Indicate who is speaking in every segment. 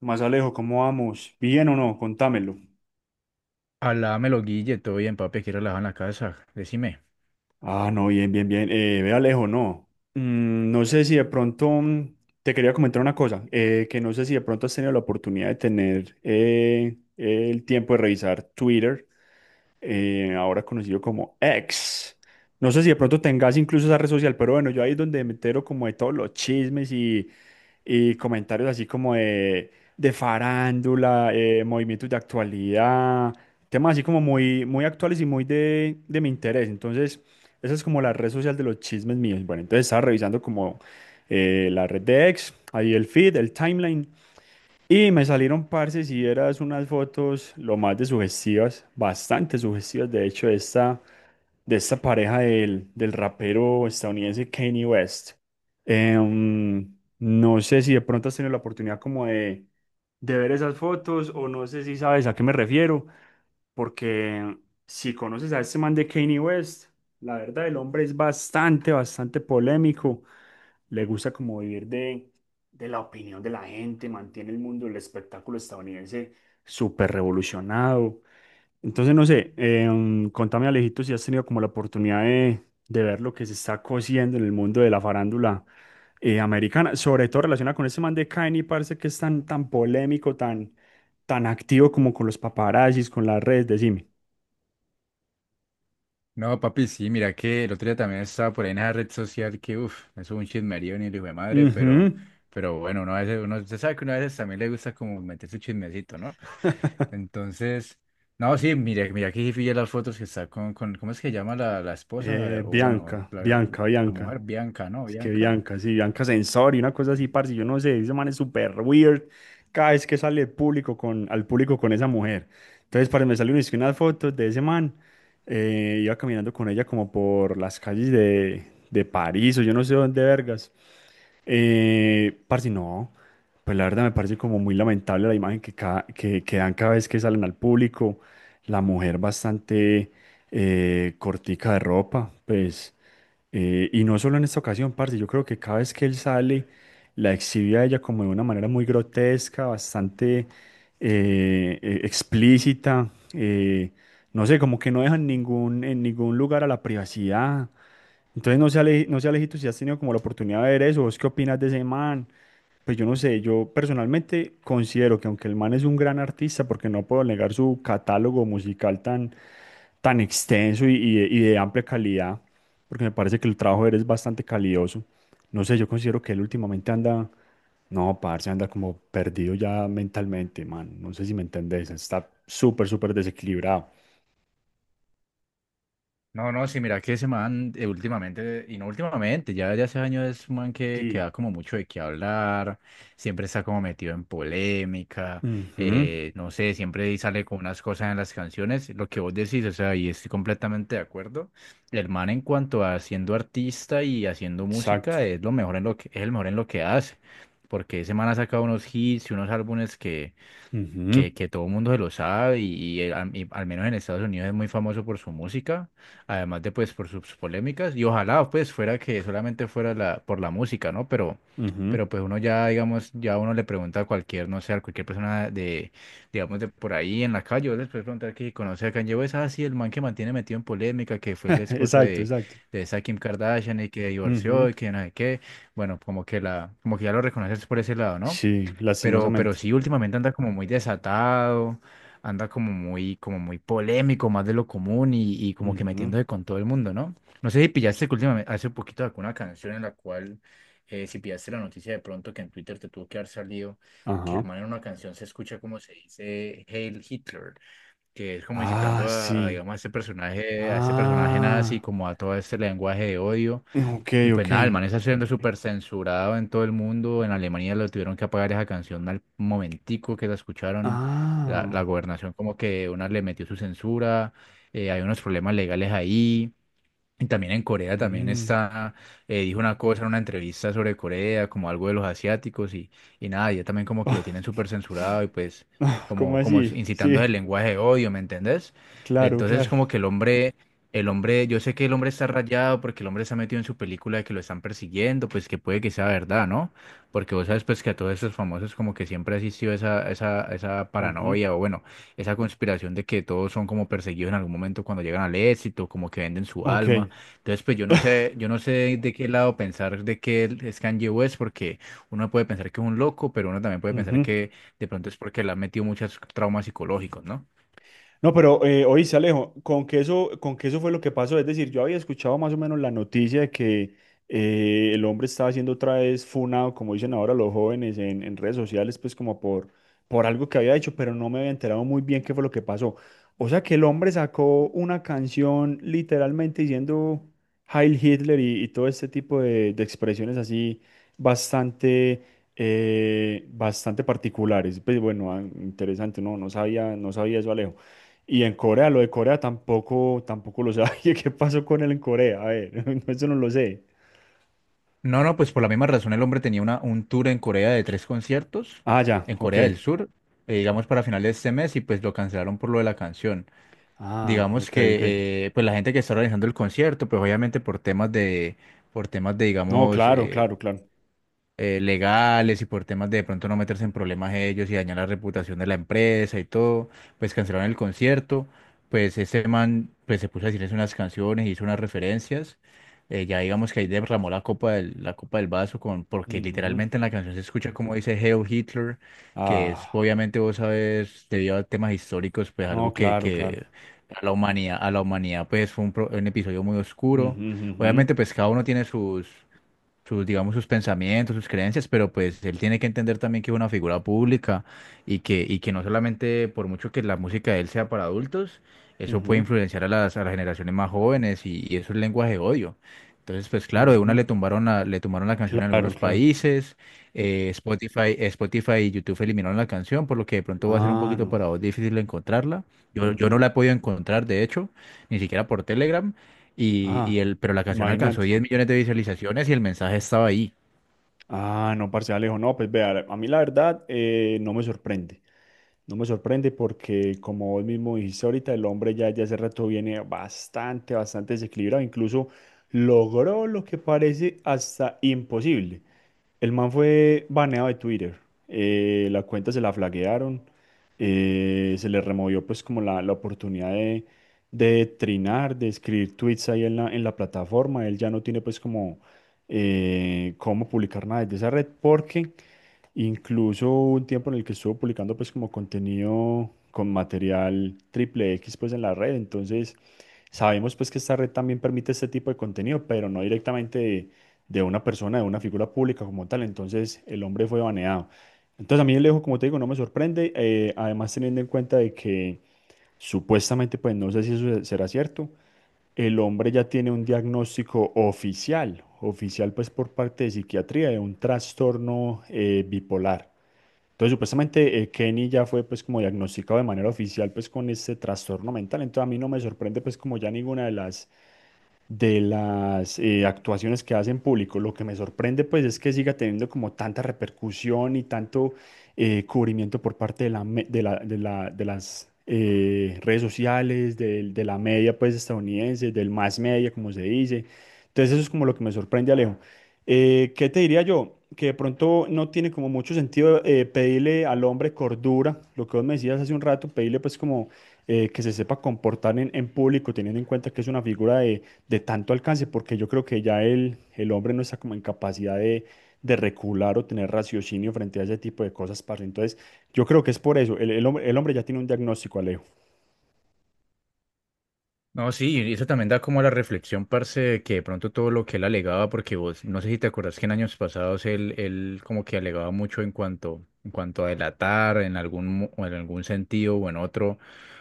Speaker 1: Más Alejo, ¿cómo vamos? ¿Bien o no? Contámelo.
Speaker 2: Hablámelo, Guille, todo bien, papi, aquí relajado en la casa, decime.
Speaker 1: Ah, no, bien, bien, bien. Ve Alejo, no. Mm, no sé si de pronto mm, te quería comentar una cosa, que no sé si de pronto has tenido la oportunidad de tener el tiempo de revisar Twitter, ahora conocido como X. No sé si de pronto tengas incluso esa red social, pero bueno, yo ahí es donde me entero como de todos los chismes y comentarios así como de farándula, movimientos de actualidad, temas así como muy, muy actuales y muy de mi interés. Entonces, esa es como la red social de los chismes míos. Bueno, entonces estaba revisando como la red de ex, ahí el feed, el timeline, y me salieron, parce, si eras unas fotos lo más de sugestivas, bastante sugestivas, de hecho, de esta pareja del, del rapero estadounidense Kanye West. No sé si de pronto has tenido la oportunidad como de ver esas fotos o no sé si sabes a qué me refiero, porque si conoces a este man de Kanye West, la verdad el hombre es bastante, bastante polémico, le gusta como vivir de la opinión de la gente, mantiene el mundo del espectáculo estadounidense súper revolucionado. Entonces, no sé, contame Alejito si has tenido como la oportunidad de ver lo que se está cosiendo en el mundo de la farándula americana, sobre todo relacionada con ese man de Kanye, parece que es tan, tan polémico, tan, tan activo como con los paparazzis, con las redes, decime.
Speaker 2: No, papi, sí, mira que el otro día también estaba por ahí en esa red social que, uff, eso es un chismerío ni el hijo de madre,
Speaker 1: Ujú.
Speaker 2: pero bueno, uno a veces, usted sabe que uno a veces también le gusta como meter su chismecito, ¿no? Entonces, no, sí, mira que sí pillé las fotos que está con, ¿cómo es que llama la esposa? O bueno,
Speaker 1: Bianca,
Speaker 2: la,
Speaker 1: Bianca,
Speaker 2: la
Speaker 1: Bianca.
Speaker 2: mujer, Bianca, ¿no?
Speaker 1: Es que
Speaker 2: Bianca.
Speaker 1: Bianca, sí, Bianca Sensor y una cosa así, parce, yo no sé, ese man es súper weird cada vez que sale público con, al público con esa mujer. Entonces, parce, me salieron es que unas fotos de ese man, iba caminando con ella como por las calles de París o yo no sé dónde vergas. Parce, no, pues la verdad me parece como muy lamentable la imagen que, que dan cada vez que salen al público, la mujer bastante cortica de ropa, pues... y no solo en esta ocasión, parce, yo creo que cada vez que él sale, la exhibe a ella como de una manera muy grotesca, bastante explícita. No sé, como que no dejan ningún, en ningún lugar a la privacidad. Entonces, no sé, Alejito, si has tenido como la oportunidad de ver eso, ¿vos qué opinas de ese man? Pues yo no sé, yo personalmente considero que aunque el man es un gran artista, porque no puedo negar su catálogo musical tan, tan extenso y de amplia calidad, porque me parece que el trabajo de él es bastante calidoso. No sé, yo considero que él últimamente anda, no, parce, anda como perdido ya mentalmente, man. No sé si me entendés, está súper, súper desequilibrado.
Speaker 2: No, no, sí, mira que ese man últimamente, y no últimamente, ya desde hace años es un man que
Speaker 1: Sí.
Speaker 2: da como mucho de qué hablar, siempre está como metido en polémica,
Speaker 1: Ujú,
Speaker 2: no sé, siempre sale con unas cosas en las canciones, lo que vos decís, o sea, y estoy completamente de acuerdo. El man en cuanto a siendo artista y haciendo
Speaker 1: exacto.
Speaker 2: música es lo mejor en lo que, es el mejor en lo que hace, porque ese man ha sacado unos hits y unos álbumes
Speaker 1: Ujú,
Speaker 2: que todo el mundo se lo sabe y, y al menos en Estados Unidos es muy famoso por su música, además de pues por sus polémicas y ojalá pues fuera que solamente fuera la, por la música, ¿no?
Speaker 1: ujú.
Speaker 2: Pero pues uno ya, digamos, ya uno le pregunta a cualquier, no sé, a cualquier persona de, digamos, de por ahí en la calle, yo les puedo preguntar que si conoce a Kanye West, ah, sí, el man que mantiene metido en polémica, que fue el esposo
Speaker 1: Exacto, exacto.
Speaker 2: de esa Kim Kardashian y que divorció
Speaker 1: Ujú.
Speaker 2: y que no sé qué, bueno, como que la, como que ya lo reconoces por ese lado, ¿no?
Speaker 1: Sí,
Speaker 2: Pero
Speaker 1: lastimosamente.
Speaker 2: sí, últimamente anda como muy desatado, anda como muy polémico, más de lo común y como que
Speaker 1: Ujú.
Speaker 2: metiéndose con todo el mundo, ¿no? No sé si pillaste que últimamente, hace poquito sacó una canción en la cual, si pillaste la noticia de pronto que en Twitter te tuvo que haber salido, que el
Speaker 1: Ajá.
Speaker 2: man en una canción se escucha como se dice Hail Hitler, que es como incitando
Speaker 1: Ah,
Speaker 2: a,
Speaker 1: sí.
Speaker 2: digamos, a ese personaje nazi,
Speaker 1: Ah,
Speaker 2: como a todo este lenguaje de odio.
Speaker 1: ok,
Speaker 2: Y pues
Speaker 1: ok.
Speaker 2: nada, el man está siendo súper censurado en todo el mundo. En Alemania lo tuvieron que apagar esa canción al momentico que la escucharon. La,
Speaker 1: Ah,
Speaker 2: la gobernación como que una le metió su censura. Hay unos problemas legales ahí. Y también en Corea también
Speaker 1: mm.
Speaker 2: está, dijo una cosa en una entrevista sobre Corea, como algo de los asiáticos y nada, ya también como que lo tienen súper censurado y pues
Speaker 1: Ah, ¿cómo
Speaker 2: como, como
Speaker 1: así?
Speaker 2: incitando el
Speaker 1: Sí,
Speaker 2: lenguaje de odio, ¿me entendés?
Speaker 1: claro,
Speaker 2: Entonces
Speaker 1: claro.
Speaker 2: como que el hombre, yo sé que el hombre está rayado porque el hombre se ha metido en su película de que lo están persiguiendo, pues que puede que sea verdad, ¿no? Porque vos sabes pues que a todos esos famosos como que siempre ha existido esa
Speaker 1: Ujú.
Speaker 2: paranoia o bueno, esa conspiración de que todos son como perseguidos en algún momento cuando llegan al éxito, como que venden su alma.
Speaker 1: Ok.
Speaker 2: Entonces, pues yo no sé de qué lado pensar de que él es Kanye West, porque uno puede pensar que es un loco, pero uno también puede pensar
Speaker 1: Ujú.
Speaker 2: que de pronto es porque le han metido muchos traumas psicológicos, ¿no?
Speaker 1: No, pero oíste, Alejo, con que eso fue lo que pasó. Es decir, yo había escuchado más o menos la noticia de que el hombre estaba siendo otra vez funado, como dicen ahora los jóvenes en redes sociales, pues como por algo que había hecho, pero no me había enterado muy bien qué fue lo que pasó. O sea que el hombre sacó una canción literalmente diciendo Heil Hitler y todo este tipo de expresiones así bastante bastante particulares. Pues bueno, ah, interesante, no, no sabía, no sabía eso, Alejo. Y en Corea, lo de Corea tampoco, tampoco lo sabía. ¿Qué pasó con él en Corea? A ver, no, eso no lo sé.
Speaker 2: No, no, pues por la misma razón el hombre tenía una, un tour en Corea de tres conciertos,
Speaker 1: Ah, ya,
Speaker 2: en
Speaker 1: ok.
Speaker 2: Corea del Sur, digamos para finales de este mes, y pues lo cancelaron por lo de la canción.
Speaker 1: Ah,
Speaker 2: Digamos
Speaker 1: ok, ok.
Speaker 2: que pues la gente que está organizando el concierto, pues obviamente por temas de,
Speaker 1: No,
Speaker 2: digamos,
Speaker 1: claro, claro, claro.
Speaker 2: legales y por temas de pronto no meterse en problemas ellos y dañar la reputación de la empresa y todo, pues cancelaron el concierto, pues este man pues se puso a decirles unas canciones, hizo unas referencias, ya digamos que ahí derramó la copa del vaso con, porque
Speaker 1: Ujú.
Speaker 2: literalmente en la canción se escucha como dice Hail Hitler, que es
Speaker 1: Ah,
Speaker 2: obviamente vos sabes, debido a temas históricos, pues
Speaker 1: no,
Speaker 2: algo
Speaker 1: claro, claro.
Speaker 2: que a la humanidad pues fue un, un episodio muy oscuro.
Speaker 1: Ujú, ujú,
Speaker 2: Obviamente pues cada uno tiene sus sus, digamos, sus pensamientos, sus creencias, pero pues él tiene que entender también que es una figura pública y que no solamente por mucho que la música de él sea para adultos, eso puede
Speaker 1: ujú,
Speaker 2: influenciar a las generaciones más jóvenes y eso es lenguaje de odio. Entonces, pues claro, de una
Speaker 1: ujú.
Speaker 2: le tumbaron la canción en
Speaker 1: Claro,
Speaker 2: algunos
Speaker 1: claro.
Speaker 2: países, Spotify y YouTube eliminaron la canción, por lo que de pronto va a ser un
Speaker 1: Ah,
Speaker 2: poquito
Speaker 1: no.
Speaker 2: para vos difícil encontrarla. Yo
Speaker 1: Ujú.
Speaker 2: no la he podido encontrar, de hecho, ni siquiera por Telegram, y
Speaker 1: Ah,
Speaker 2: el, pero la canción alcanzó
Speaker 1: imagínate.
Speaker 2: 10 millones de visualizaciones y el mensaje estaba ahí.
Speaker 1: Ah, no, parce Alejo, no, pues vea, a mí la verdad no me sorprende. No me sorprende porque, como vos mismo dijiste ahorita, el hombre ya hace rato viene bastante, bastante desequilibrado. Incluso logró lo que parece hasta imposible. El man fue baneado de Twitter. La cuenta se la flaguearon. Se le removió pues como la oportunidad de trinar, de escribir tweets ahí en la plataforma. Él ya no tiene pues como cómo publicar nada desde esa red porque incluso hubo un tiempo en el que estuvo publicando pues como contenido con material triple X pues en la red. Entonces sabemos pues que esta red también permite este tipo de contenido, pero no directamente de una persona, de una figura pública como tal. Entonces el hombre fue baneado. Entonces a mí el Alejo, como te digo, no me sorprende. Además teniendo en cuenta de que supuestamente pues no sé si eso será cierto. El hombre ya tiene un diagnóstico oficial, oficial pues por parte de psiquiatría de un trastorno bipolar. Entonces, supuestamente, Kenny ya fue pues como diagnosticado de manera oficial pues con este trastorno mental. Entonces, a mí no me sorprende pues como ya ninguna de las actuaciones que hace en público. Lo que me sorprende pues es que siga teniendo como tanta repercusión y tanto cubrimiento por parte de la, de las redes sociales, de, la media pues estadounidense, del más media como se dice. Entonces eso es como lo que me sorprende, Alejo. ¿Qué te diría yo? Que de pronto no tiene como mucho sentido pedirle al hombre cordura, lo que vos me decías hace un rato, pedirle pues como que se sepa comportar en público, teniendo en cuenta que es una figura de tanto alcance, porque yo creo que ya el hombre no está como en capacidad de recular o tener raciocinio frente a ese tipo de cosas, parce. Entonces, yo creo que es por eso. El hombre ya tiene un diagnóstico, Alejo.
Speaker 2: No, sí, y eso también da como a la reflexión, parce, de que de pronto todo lo que él alegaba, porque vos, no sé si te acordás que en años pasados él, él como que alegaba mucho en cuanto a delatar, en algún, o en algún sentido o en otro,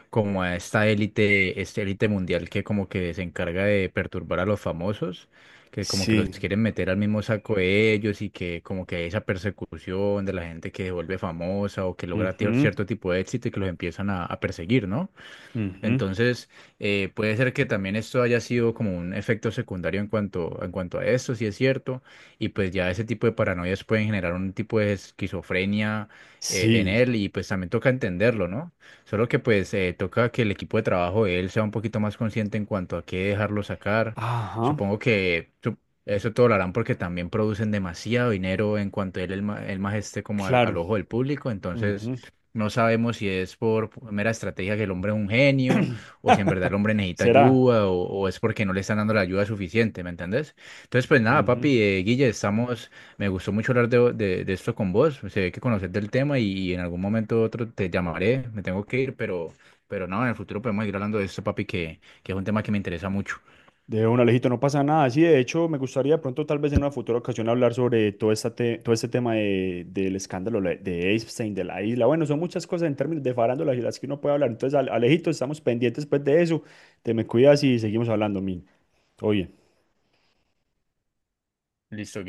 Speaker 2: como a esta élite mundial que como que se encarga de perturbar a los famosos, que como que los
Speaker 1: Sí.
Speaker 2: quieren meter al mismo saco de ellos y que como que hay esa persecución de la gente que se vuelve famosa o que logra
Speaker 1: Ujú,
Speaker 2: cierto tipo de éxito y que los empiezan a perseguir, ¿no?
Speaker 1: ujú.
Speaker 2: Entonces, puede ser que también esto haya sido como un efecto secundario en cuanto a esto, si es cierto, y pues ya ese tipo de paranoias pueden generar un tipo de esquizofrenia en
Speaker 1: Sí.
Speaker 2: él y pues también toca entenderlo, ¿no? Solo que pues toca que el equipo de trabajo de él sea un poquito más consciente en cuanto a qué dejarlo sacar.
Speaker 1: Ajá.
Speaker 2: Supongo que eso todo lo harán porque también producen demasiado dinero en cuanto él, el más esté como al al
Speaker 1: Claro.
Speaker 2: ojo del público, entonces...
Speaker 1: Ujú.
Speaker 2: No sabemos si es por mera estrategia que el hombre es un genio, o si en verdad el hombre necesita
Speaker 1: ¿Será?
Speaker 2: ayuda, o es porque no le están dando la ayuda suficiente, ¿me entendés? Entonces, pues nada,
Speaker 1: Ujú.
Speaker 2: papi, Guille, estamos, me gustó mucho hablar de, de esto con vos, se ve que conoces del tema y en algún momento u otro te llamaré, me tengo que ir, pero no, en el futuro podemos ir hablando de esto, papi, que es un tema que me interesa mucho.
Speaker 1: De un Alejito, no pasa nada. Sí, de hecho, me gustaría pronto, tal vez en una futura ocasión, hablar sobre todo, todo este tema del escándalo de Epstein, de la isla. Bueno, son muchas cosas en términos de farándula y las que uno puede hablar. Entonces, Alejito, estamos pendientes pues, de eso. Te me cuidas y seguimos hablando, Min. Todo bien.
Speaker 2: Listo.